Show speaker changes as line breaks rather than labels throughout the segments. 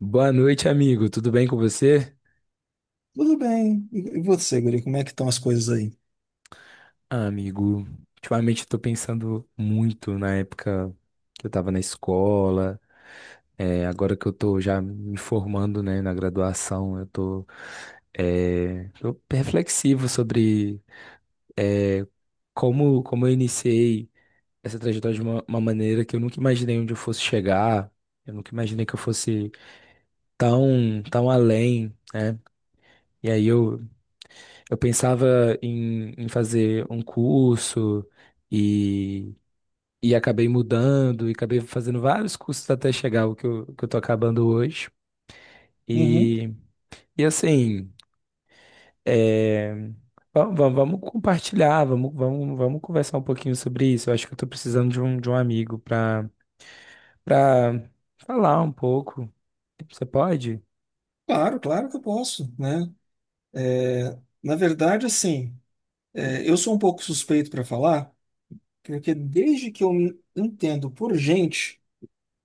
Boa noite, amigo. Tudo bem com você?
Tudo bem. E você, Guri, como é que estão as coisas aí?
Ah, amigo, ultimamente eu tô pensando muito na época que eu tava na escola. Agora que eu tô já me formando, né, na graduação, tô reflexivo sobre, é, como eu iniciei essa trajetória de uma maneira que eu nunca imaginei onde eu fosse chegar. Eu nunca imaginei que eu fosse tão além, né? E aí eu pensava em fazer um curso e, e acabei mudando e acabei fazendo vários cursos até chegar ao que eu tô acabando hoje.
Uhum.
E, e assim, é, vamos compartilhar, vamos conversar um pouquinho sobre isso. Eu acho que eu tô precisando de um amigo para para falar um pouco. Você pode?
Claro, claro que eu posso, né? Na verdade, assim, eu sou um pouco suspeito para falar, porque desde que eu me entendo por gente,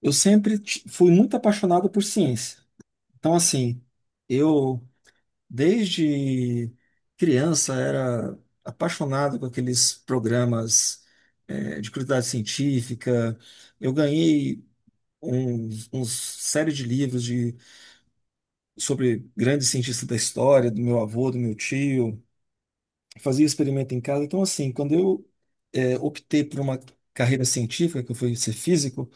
eu sempre fui muito apaixonado por ciência. Então, assim, eu desde criança era apaixonado com aqueles programas, de curiosidade científica. Eu ganhei um, uns série de livros sobre grandes cientistas da história, do meu avô, do meu tio, fazia experimento em casa. Então, assim, quando eu optei por uma carreira científica, que eu fui ser físico,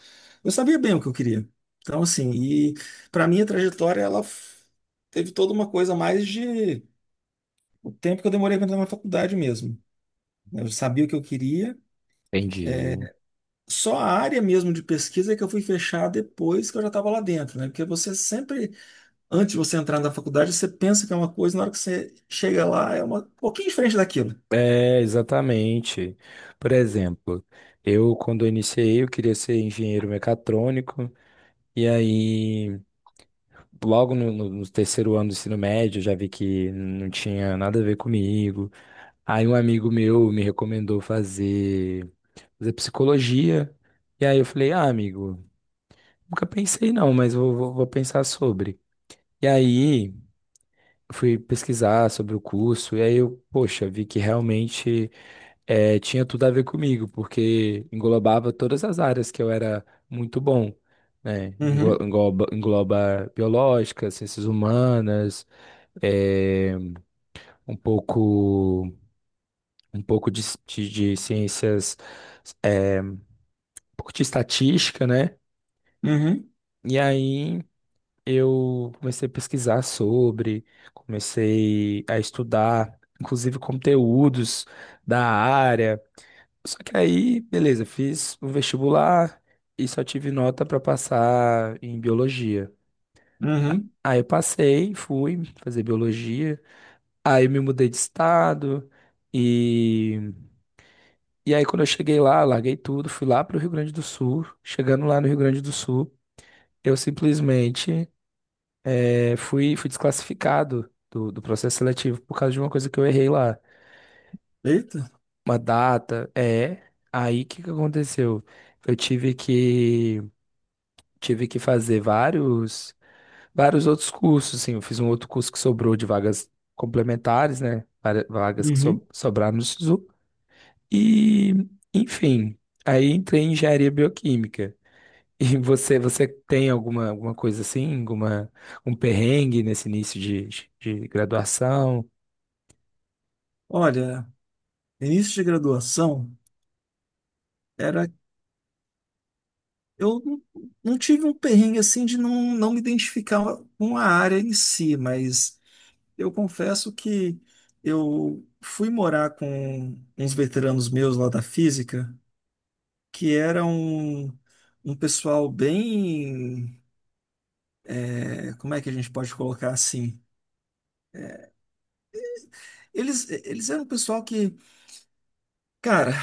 eu sabia bem o que eu queria. Então, assim, e para mim a trajetória, ela teve toda uma coisa mais de o tempo que eu demorei para entrar na faculdade mesmo, né? Eu sabia o que eu queria.
Entendi.
Só a área mesmo de pesquisa é que eu fui fechar depois que eu já estava lá dentro, né? Porque você sempre antes de você entrar na faculdade, você pensa que é uma coisa, na hora que você chega lá, é uma um pouquinho diferente daquilo.
É, exatamente. Por exemplo, eu quando eu iniciei, eu queria ser engenheiro mecatrônico, e aí logo no terceiro ano do ensino médio eu já vi que não tinha nada a ver comigo. Aí um amigo meu me recomendou fazer psicologia, e aí eu falei, ah, amigo, nunca pensei não, mas vou pensar sobre. E aí fui pesquisar sobre o curso, e aí eu, poxa, vi que realmente tinha tudo a ver comigo, porque englobava todas as áreas que eu era muito bom, né? Englo-
Uhum,
Engloba, engloba biológica, ciências humanas, eh, um pouco, um pouco de, de ciências, eh, um pouco de estatística, né?
uhum,
E aí eu comecei a pesquisar sobre, comecei a estudar, inclusive conteúdos da área. Só que aí, beleza, fiz o vestibular e só tive nota pra passar em biologia.
uhum.
Aí eu passei, fui fazer biologia, aí eu me mudei de estado e e aí quando eu cheguei lá, larguei tudo, fui lá pro Rio Grande do Sul. Chegando lá no Rio Grande do Sul, eu simplesmente fui desclassificado do processo seletivo por causa de uma coisa que eu errei lá,
Eita.
uma data, é. Aí o que que aconteceu? Eu tive que fazer vários outros cursos, assim, eu fiz um outro curso que sobrou de vagas complementares, né? Vagas que
Uhum.
sobraram no SISU. E, enfim, aí entrei em engenharia bioquímica. E você, você tem alguma coisa assim, alguma, um perrengue nesse início de graduação?
Olha, início de graduação era. Eu não tive um perrengue assim de não, não me identificar com a área em si, mas eu confesso que eu fui morar com uns veteranos meus lá da física, que eram um pessoal bem. É, como é que a gente pode colocar assim? Eles eram um pessoal que, cara,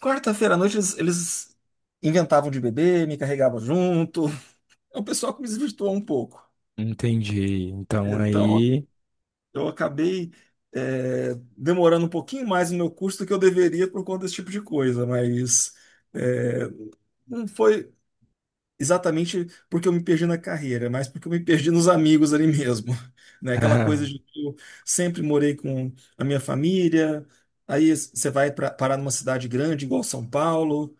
quarta-feira à noite eles inventavam de beber, me carregavam junto. É um pessoal que me desvirtuou um pouco.
Entendi. Então
Então,
aí,
eu acabei, demorando um pouquinho mais no meu curso do que eu deveria por conta desse tipo de coisa, mas é, não foi exatamente porque eu me perdi na carreira, mas porque eu me perdi nos amigos ali mesmo, né? Aquela coisa de que eu sempre morei com a minha família, aí você vai pra, parar numa cidade grande igual São Paulo,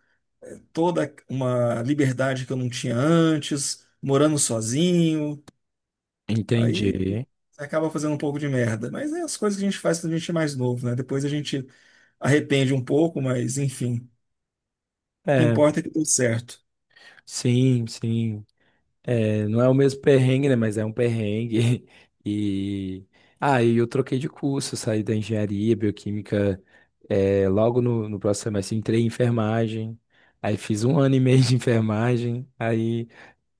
toda uma liberdade que eu não tinha antes, morando sozinho, aí
entendi.
você acaba fazendo um pouco de merda, mas é as coisas que a gente faz quando a gente é mais novo, né? Depois a gente arrepende um pouco, mas enfim, o que
É,
importa é que deu certo.
sim. É, não é o mesmo perrengue, né? Mas é um perrengue. E aí eu troquei de curso, saí da engenharia bioquímica, é, logo no próximo semestre entrei em enfermagem. Aí fiz um ano e meio de enfermagem, aí,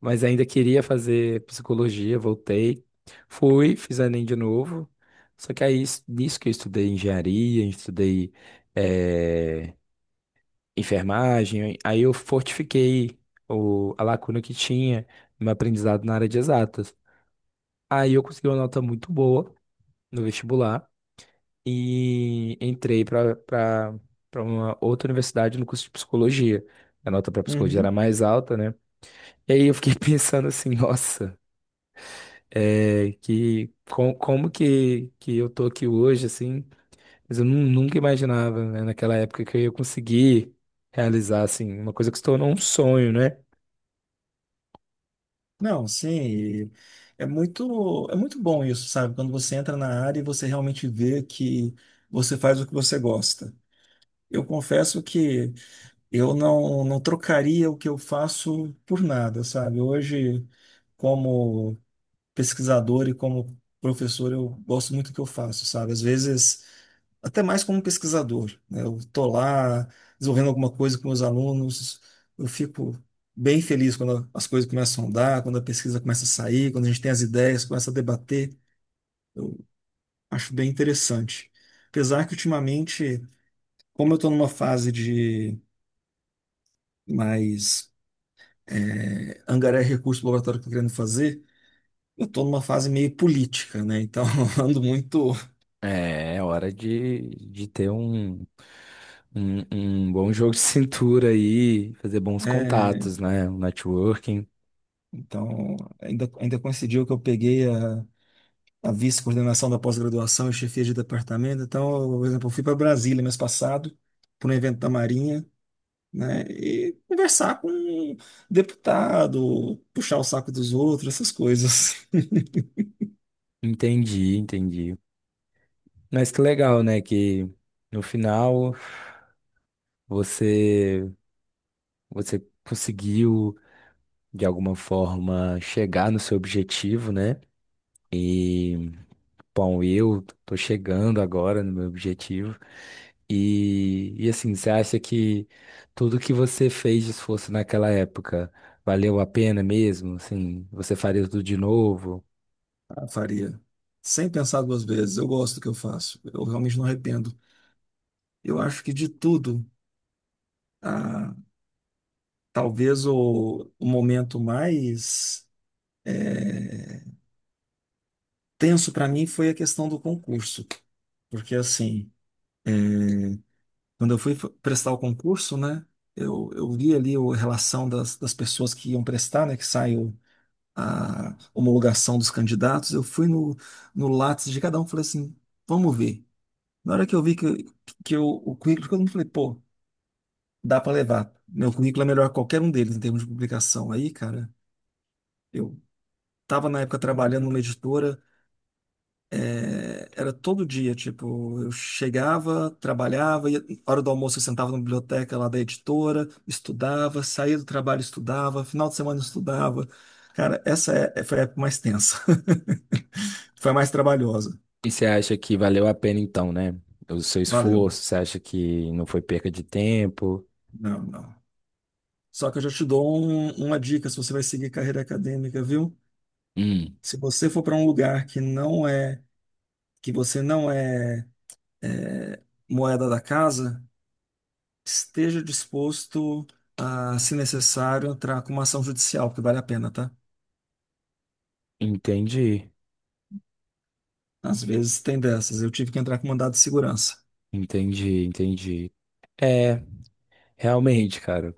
mas ainda queria fazer psicologia, voltei, fiz Enem de novo. Só que aí, nisso que eu estudei engenharia, estudei é, enfermagem, aí eu fortifiquei a lacuna que tinha no meu aprendizado na área de exatas. Aí eu consegui uma nota muito boa no vestibular e entrei para uma outra universidade no curso de psicologia. A nota para psicologia era
Uhum.
mais alta, né? E aí eu fiquei pensando assim, nossa, como que eu tô aqui hoje, assim, mas nunca imaginava, né, naquela época, que eu ia conseguir realizar, assim, uma coisa que se tornou um sonho, né?
Não, sim, e é muito bom isso, sabe? Quando você entra na área e você realmente vê que você faz o que você gosta. Eu confesso que eu não, não trocaria o que eu faço por nada, sabe? Hoje, como pesquisador e como professor, eu gosto muito do que eu faço, sabe? Às vezes até mais como pesquisador, né? Eu estou lá desenvolvendo alguma coisa com meus alunos, eu fico bem feliz quando as coisas começam a andar, quando a pesquisa começa a sair, quando a gente tem as ideias, começa a debater, eu acho bem interessante. Apesar que ultimamente, como eu estou numa fase de mais é, angariar recursos para o laboratório que eu estou querendo fazer, eu estou numa fase meio política, né? Então, ando muito,
É, é hora de ter um bom jogo de cintura aí, fazer bons
né?
contatos, né? Um networking.
Então, ainda coincidiu que eu peguei a vice-coordenação da pós-graduação e chefia de departamento. Então, eu, por exemplo, eu fui para Brasília mês passado, para um evento da Marinha, né? E conversar com um deputado, puxar o saco dos outros, essas coisas.
Entendi, entendi. Mas que legal, né? Que no final você, você conseguiu, de alguma forma, chegar no seu objetivo, né? Bom, eu tô chegando agora no meu objetivo. Você acha que tudo que você fez de esforço naquela época valeu a pena mesmo? Assim, você faria tudo de novo?
Ah, faria. Sem pensar duas vezes. Eu gosto do que eu faço. Eu realmente não arrependo. Eu acho que de tudo, ah, talvez o momento mais eh, tenso para mim foi a questão do concurso. Porque assim, quando eu fui prestar o concurso, né, eu vi ali o- a relação das, das pessoas que iam prestar, né, que saiu a homologação dos candidatos. Eu fui no, no Lattes de cada um, falei assim, vamos ver. Na hora que eu vi que eu, o currículo, de todo falei, pô, dá para levar. Meu currículo é melhor que qualquer um deles em termos de publicação. Aí, cara, eu estava na época trabalhando numa editora. É, era todo dia, tipo, eu chegava, trabalhava, ia, hora do almoço eu sentava na biblioteca lá da editora, estudava, saía do trabalho, estudava, final de semana estudava. Cara, essa foi a época mais tensa. Foi a mais trabalhosa.
E você acha que valeu a pena então, né? O seu
Valeu.
esforço, você acha que não foi perca de tempo?
Não, não. Só que eu já te dou uma dica se você vai seguir carreira acadêmica, viu?
Hum.
Se você for para um lugar que não é, que você não é é, moeda da casa, esteja disposto a, se necessário, entrar com uma ação judicial, porque vale a pena, tá?
Entendi,
Às vezes tem dessas. Eu tive que entrar com mandado de segurança.
entendi, entendi. É, realmente, cara.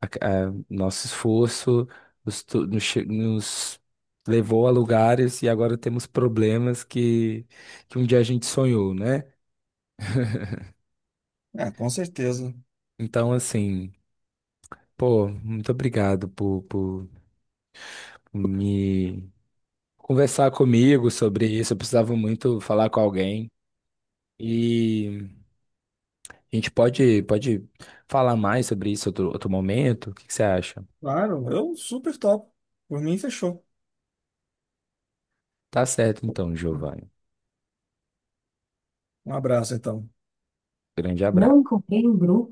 a- nosso esforço nos, to- nos che- nos levou a lugares e agora temos problemas que um dia a gente sonhou, né?
É, com certeza.
Então, assim, pô, muito obrigado por me conversar comigo sobre isso. Eu precisava muito falar com alguém. E a gente pode falar mais sobre isso outro momento? O que que você acha?
Claro, eu super top. Por mim, fechou.
Tá certo, então, Giovanni.
Um abraço, então.
Grande
Não
abraço.
encontrei o grupo.